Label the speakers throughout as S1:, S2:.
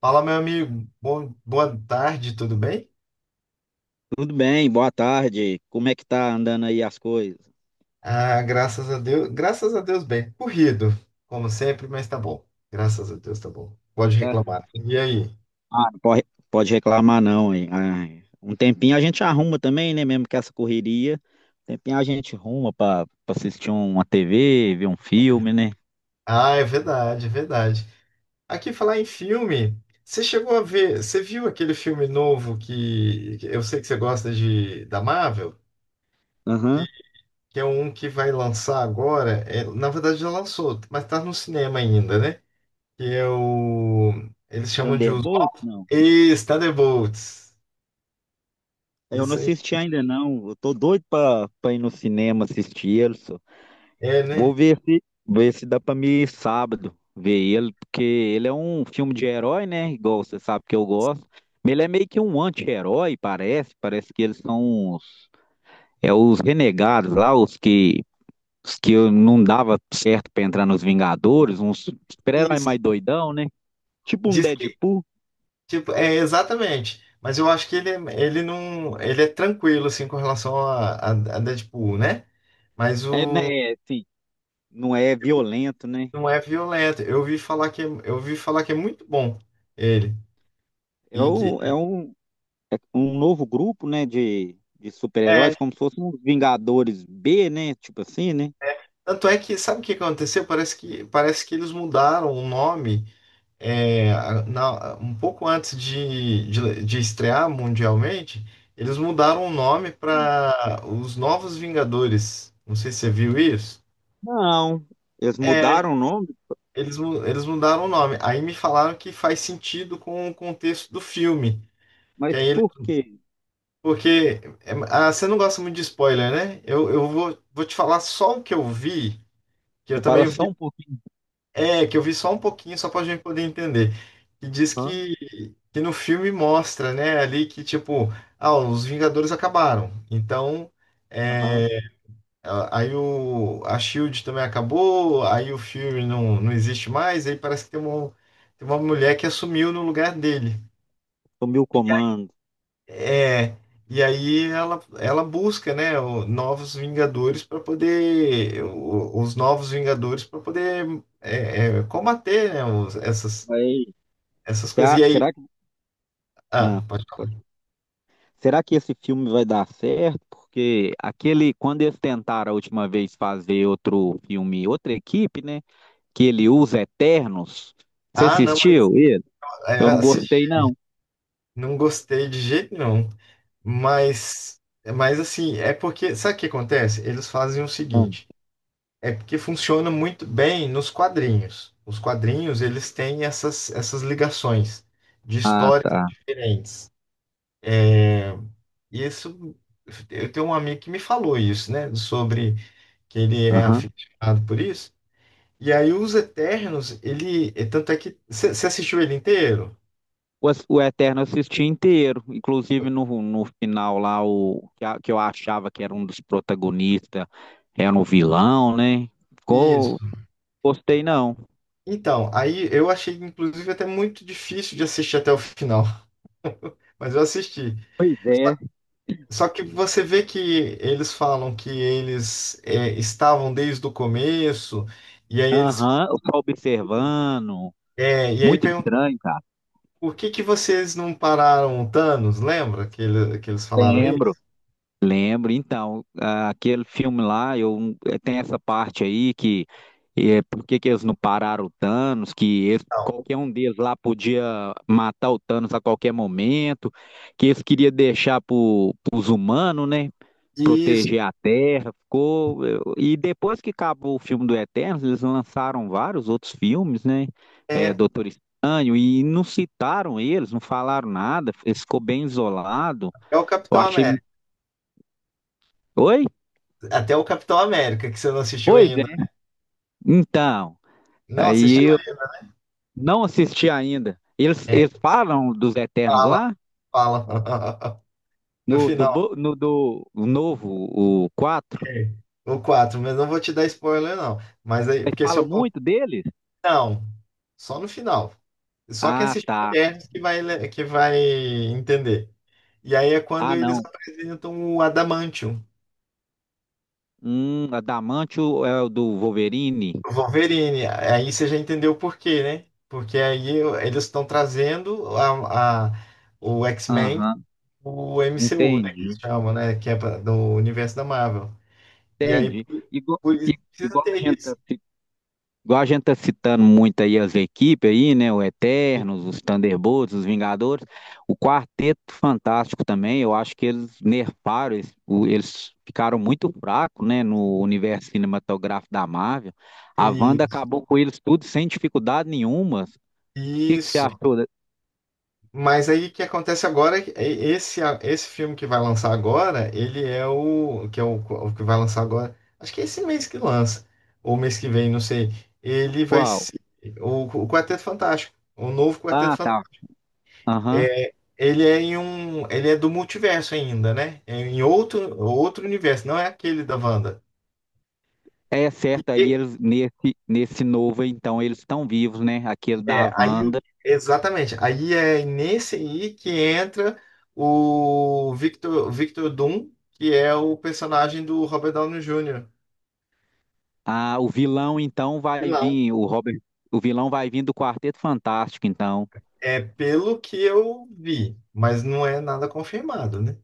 S1: Fala, meu amigo. Boa tarde, tudo bem?
S2: Tudo bem, boa tarde. Como é que tá andando aí as coisas?
S1: Ah, graças a Deus. Graças a Deus, bem. Corrido, como sempre, mas tá bom. Graças a Deus, tá bom.
S2: Não
S1: Pode
S2: tá?
S1: reclamar. E aí?
S2: Ah, não pode, pode reclamar não, hein? Ai, um tempinho a gente arruma também, né? Mesmo que essa correria, um tempinho a gente arruma pra assistir uma TV, ver um filme, né?
S1: Ah, é verdade, é verdade. Aqui falar em filme, você chegou a ver, você viu aquele filme novo que eu sei que você gosta de da Marvel, que,
S2: Aham.
S1: que é um que vai lançar agora. É, na verdade já lançou, mas tá no cinema ainda, né? Que é o eles chamam de os
S2: Thunderbolt? Não.
S1: thunderbolts.
S2: Eu não
S1: Isso aí,
S2: assisti ainda não. Eu tô doido pra ir no cinema assistir ele.
S1: é,
S2: Vou
S1: né?
S2: ver se dá pra mim ir sábado ver ele, porque ele é um filme de herói, né? Igual você sabe que eu gosto. Mas ele é meio que um anti-herói, parece. Parece que eles são os renegados lá, os que eu não dava certo pra entrar nos Vingadores, uns super-herói
S1: Isso.
S2: mais doidão, né? Tipo um
S1: Diz que,
S2: Deadpool.
S1: tipo, é exatamente. Mas eu acho que ele, ele não, ele é tranquilo, assim, com relação a Deadpool, né? Mas
S2: É, né?
S1: o
S2: É, assim, não é violento, né?
S1: não é violento. Eu ouvi falar que, eu ouvi falar que é muito bom ele.
S2: É
S1: E que,
S2: um, é um, é um novo grupo, né? De
S1: é,
S2: super-heróis,
S1: é.
S2: como se fossem os Vingadores B, né? Tipo assim, né?
S1: Tanto é que, sabe o que aconteceu? Parece que eles mudaram o nome, é, um pouco antes de estrear mundialmente, eles mudaram o nome para os Novos Vingadores. Não sei se você viu isso.
S2: Não, eles
S1: É,
S2: mudaram o nome,
S1: eles mudaram o nome. Aí me falaram que faz sentido com o contexto do filme. Que
S2: mas
S1: aí ele,
S2: por quê?
S1: porque é, ah, você não gosta muito de spoiler, né? Eu vou te falar só o que eu vi, que eu
S2: Você
S1: também
S2: fala só
S1: vi.
S2: um pouquinho.
S1: É, que eu vi só um pouquinho, só pra gente poder entender. E diz
S2: Aham,
S1: que no filme mostra, né, ali que tipo, ah, os Vingadores acabaram. Então, é,
S2: aham.
S1: aí a Shield também acabou, aí o filme não, não existe mais, aí parece que tem uma mulher que assumiu no lugar dele.
S2: Sumiu o comando.
S1: É, e aí ela busca, né, novos Vingadores para poder, os novos Vingadores para poder, combater, né, essas
S2: Aí,
S1: essas coisas.
S2: será,
S1: E aí.
S2: será que.
S1: Ah,
S2: Ah,
S1: pode
S2: pode.
S1: falar.
S2: Será que esse filme vai dar certo? Porque aquele, quando eles tentaram a última vez fazer outro filme, outra equipe, né? Que ele usa Eternos. Você
S1: Ah, não, mas,
S2: assistiu ele?
S1: é,
S2: Eu não
S1: assim,
S2: gostei, não.
S1: não gostei de jeito nenhum. Mas, mas assim, é porque. Sabe o que acontece? Eles fazem o
S2: Ah,
S1: seguinte. É porque funciona muito bem nos quadrinhos. Os quadrinhos, eles têm essas, essas ligações de
S2: Ah,
S1: histórias
S2: tá.
S1: diferentes. É, e isso, eu tenho um amigo que me falou isso, né? Sobre que ele é
S2: Aham.
S1: aficionado por isso. E aí, os Eternos, ele. Tanto é que. Você assistiu ele inteiro?
S2: O, o Eterno eu assisti inteiro, inclusive no final lá, que eu achava que era um dos protagonistas, era um vilão, né?
S1: Isso.
S2: Ficou, gostei não.
S1: Então, aí eu achei, inclusive, até muito difícil de assistir até o final, mas eu assisti.
S2: Pois
S1: Só,
S2: é.
S1: só que você vê que eles falam que eles, é, estavam desde o começo, e aí eles.
S2: Aham, eu só observando.
S1: É, e aí
S2: Muito
S1: perguntam
S2: estranho, cara.
S1: por que que vocês não pararam o Thanos? Lembra que eles falaram
S2: Lembro.
S1: isso?
S2: Lembro, então, ah, aquele filme lá, tem essa parte aí que é, por que que eles não pararam o Thanos,
S1: Não.
S2: qualquer um deles lá podia matar o Thanos a qualquer momento, que eles queriam deixar para os humanos, né,
S1: Isso
S2: proteger a Terra, e depois que acabou o filme do Eternos, eles lançaram vários outros filmes, né, é,
S1: é,
S2: Doutor Estranho, e não citaram eles, não falaram nada, ficou bem isolado,
S1: é o
S2: eu
S1: Capitão
S2: achei...
S1: América.
S2: Oi?
S1: Até o Capitão América, que você não assistiu
S2: Pois
S1: ainda.
S2: é. Então,
S1: Não assistiu
S2: aí eu
S1: ainda?
S2: não assisti ainda. Eles,
S1: É,
S2: eles falam dos Eternos
S1: fala,
S2: lá,
S1: fala. No final.
S2: no do novo, o 4.
S1: É. O 4, mas não vou te dar spoiler, não. Mas aí,
S2: Ele
S1: porque se
S2: fala
S1: eu contar.
S2: muito deles?
S1: Não, só no final. Só quem
S2: Ah,
S1: assistiu
S2: tá.
S1: Eternos que vai, que vai entender. E aí é quando
S2: Ah,
S1: eles
S2: não.
S1: apresentam o Adamantium,
S2: Adamantio é o do Wolverine.
S1: o Wolverine. Aí você já entendeu o porquê, né? Porque aí eles estão trazendo o X-Men,
S2: Aham,
S1: o MCU, né? Que
S2: entendi.
S1: eles chamam, né? Que é do universo da Marvel. E aí,
S2: Entendi.
S1: por isso,
S2: I-
S1: precisa
S2: igual
S1: ter
S2: a gente
S1: isso.
S2: Igual a gente tá citando muito aí as equipes aí, né? O Eternos, os Thunderbolts, os Vingadores, o Quarteto Fantástico também, eu acho que eles nerfaram, eles ficaram muito fracos, né? No universo cinematográfico da Marvel. A
S1: E-
S2: Wanda acabou com eles tudo sem dificuldade nenhuma. O que que você
S1: Isso.
S2: achou? Da-
S1: Mas aí o que acontece agora é que esse esse filme que vai lançar agora, ele é o que vai lançar agora. Acho que é esse mês que lança ou mês que vem, não sei. Ele vai
S2: Qual?
S1: ser o Quarteto Fantástico, o novo Quarteto
S2: Ah, tá.
S1: Fantástico.
S2: Aham.
S1: É, ele é em um, ele é do multiverso ainda, né? É em outro universo, não é aquele da Wanda.
S2: É certo,
S1: E,
S2: aí eles nesse novo, então, eles estão vivos, né? Aquele
S1: é,
S2: da Wanda.
S1: exatamente. Aí é nesse aí que entra o Victor, Victor Doom, que é o personagem do Robert Downey Jr.
S2: Ah, o vilão então vai
S1: Vilão.
S2: vir, o Robert, o vilão vai vir do Quarteto Fantástico, então.
S1: É pelo que eu vi, mas não é nada confirmado, né?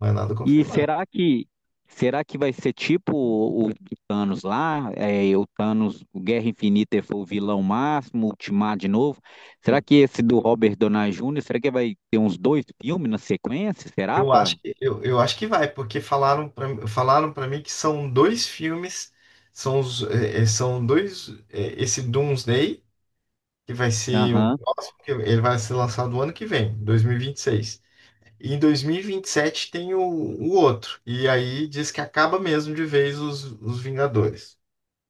S1: Não é nada
S2: E
S1: confirmado.
S2: será que vai ser tipo o Thanos lá? É, o Thanos, o Guerra Infinita foi o vilão máximo, o Ultimato de novo. Será que esse do Robert Downey Jr., será que vai ter uns dois filmes na sequência? Será, pá?
S1: Eu acho que vai, porque falaram para mim que são dois filmes, são, os, são dois, esse Doomsday, que vai ser ele vai ser lançado ano que vem, 2026. E em 2027 tem o outro. E aí diz que acaba mesmo de vez os Vingadores.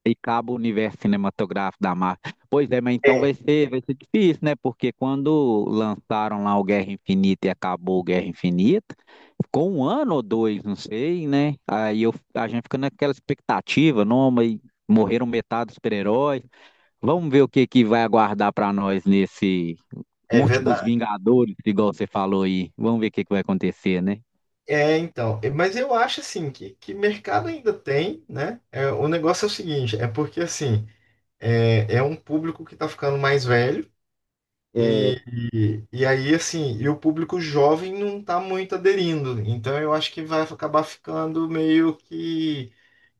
S2: E acaba o universo cinematográfico da Marvel. Pois é, mas então
S1: É,
S2: vai ser difícil, né? Porque quando lançaram lá o Guerra Infinita e acabou o Guerra Infinita, ficou um ano ou dois, não sei, né? Aí eu, a gente fica naquela expectativa, não, mas morreram metade dos super-heróis. Vamos ver o que que vai aguardar para nós nesse
S1: é
S2: Últimos
S1: verdade.
S2: Vingadores, igual você falou aí. Vamos ver o que que vai acontecer, né?
S1: Mas eu acho assim que mercado ainda tem, né? É, o negócio é o seguinte, é porque assim, é, é um público que tá ficando mais velho,
S2: É,
S1: e aí assim, e o público jovem não tá muito aderindo. Então eu acho que vai acabar ficando meio que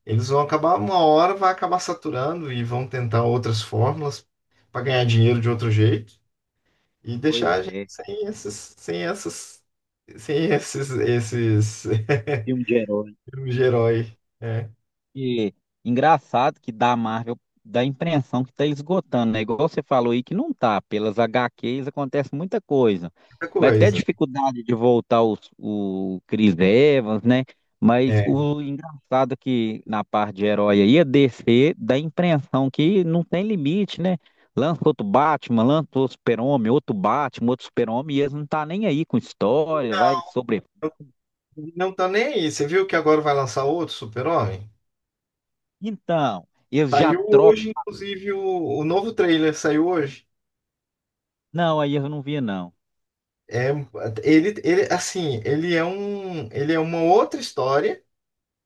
S1: eles vão acabar, uma hora vai acabar saturando e vão tentar outras fórmulas para ganhar dinheiro de outro jeito e deixar
S2: Pois
S1: a gente
S2: é,
S1: sem esses, sem essas, sem esses, esses
S2: filme de herói.
S1: filmes de herói. É,
S2: E engraçado que da Marvel dá a impressão que tá esgotando, né? Igual você falou aí que não tá. Pelas HQs acontece muita coisa.
S1: muita
S2: Mas até
S1: coisa.
S2: dificuldade de voltar os, o Chris Evans, né? Mas
S1: É.
S2: o engraçado que na parte de herói aí, a DC dá a impressão que não tem limite, né? Lança outro Batman, lança outro Super-Homem, outro Batman, outro Super-Homem, e eles não tá nem aí com história, vai sobre.
S1: Não tá nem aí. Você viu que agora vai lançar outro Super-Homem?
S2: Então, eles já
S1: Saiu
S2: trocam.
S1: hoje, inclusive, o novo trailer saiu hoje.
S2: Não, aí eu não vi, não.
S1: É, assim, ele é uma outra história,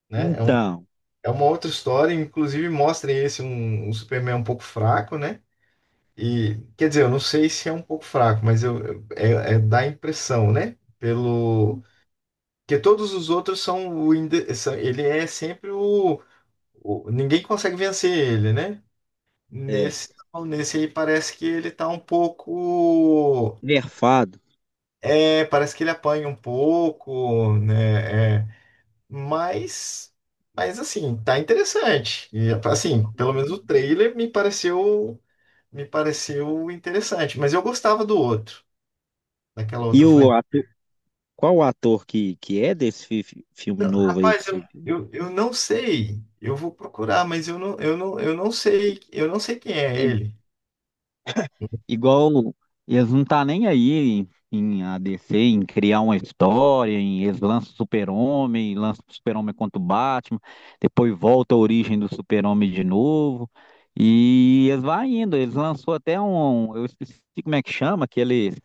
S1: né? É um.
S2: Então,
S1: É uma outra história, inclusive mostra um Superman um pouco fraco, né? E quer dizer, eu não sei se é um pouco fraco, mas dá a impressão, né? Pelo que todos os outros são ele é sempre ninguém consegue vencer ele, né?
S2: é,
S1: Nesse nesse aí parece que ele tá um pouco,
S2: nerfado.
S1: é, parece que ele apanha um pouco, né? É, Mas, mas assim, tá interessante. E assim, pelo menos o trailer me pareceu interessante. Mas eu gostava do outro, daquela
S2: E
S1: outra. Eu
S2: o
S1: falei,
S2: ator, qual o ator que é desse filme novo aí que
S1: rapaz,
S2: você viu?
S1: eu não sei. Eu vou procurar, eu não sei quem é ele.
S2: Igual eles não tá nem aí em ADC, em criar uma história, em eles lançam o Super-Homem contra o Batman, depois volta a origem do Super-Homem de novo. E eles vai indo, eles lançou até um, eu esqueci como é que chama, que eles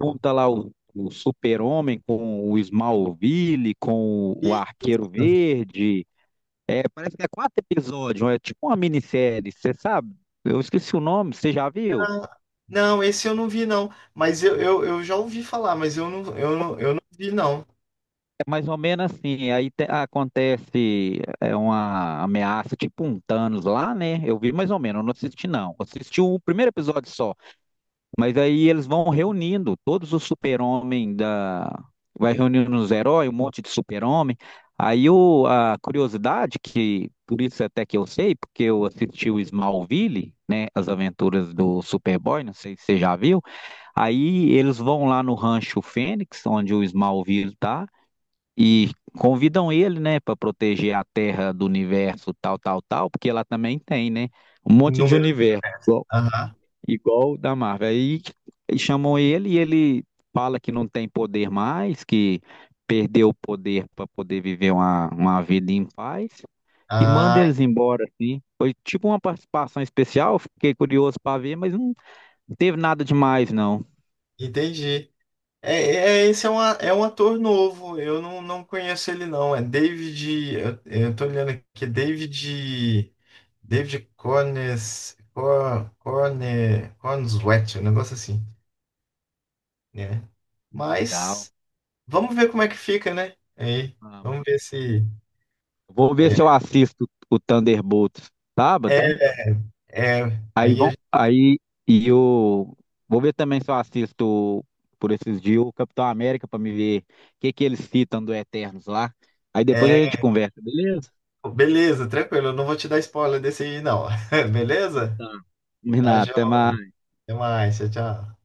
S2: junta lá o Super-Homem com o Smallville, com o
S1: Isso.
S2: Arqueiro Verde. É, parece que é quatro episódios, é tipo uma minissérie, você sabe? Eu esqueci o nome, você já viu?
S1: Não, esse eu não vi não. Mas eu já ouvi falar, eu não vi não.
S2: Te- um, eu vi, mas existiu um episódio só. E daí eles reunindo todos os super-homens, vai reunindo os heróis, um monte de super-homem. Aí o, a curiosidade, que por isso que eu sei, eu assisti o Smallville, Turas do Boy, não sei se você já viu, aí eles vão lá no Fênix, onde o Smallville tá, convidam ele, né, para proteger a Terra do universo, tal, tal, tal, porque ela também tem, né, um monte de
S1: Número de
S2: universo.
S1: universo. Aham.
S2: Igual o da Marvel. Aí e chamam ele e ele fala que não tem poder mais, que perdeu o poder para poder viver uma vida em paz e manda
S1: Ah,
S2: eles embora, assim. Foi tipo uma participação especial, fiquei curioso para ver, mas não teve nada demais, não.
S1: entendi. Esse é, uma, é um ator novo, eu não, não conheço ele não. É David. Eu tô olhando aqui, é David. David Cornes, Cor, Corne, Cornswet, um negócio assim, né?
S2: Legal.
S1: Mas vamos ver como é que fica, né? Aí,
S2: Vamos.
S1: vamos ver se.
S2: Vou ver se eu
S1: É,
S2: assisto o Thunderbolts sábado.
S1: é, é,
S2: Aí
S1: aí
S2: vão,
S1: a-
S2: aí e eu vou ver também se eu assisto por esses dias o Capitão América para me ver o que que eles citam do Eternos lá. Aí depois a
S1: é,
S2: gente conversa, beleza?
S1: beleza, tranquilo, eu não vou te dar spoiler desse aí, não.
S2: Então
S1: Beleza?
S2: tá.
S1: Tá,
S2: Combinado, até
S1: João,
S2: mais.
S1: até mais, tchau, tchau.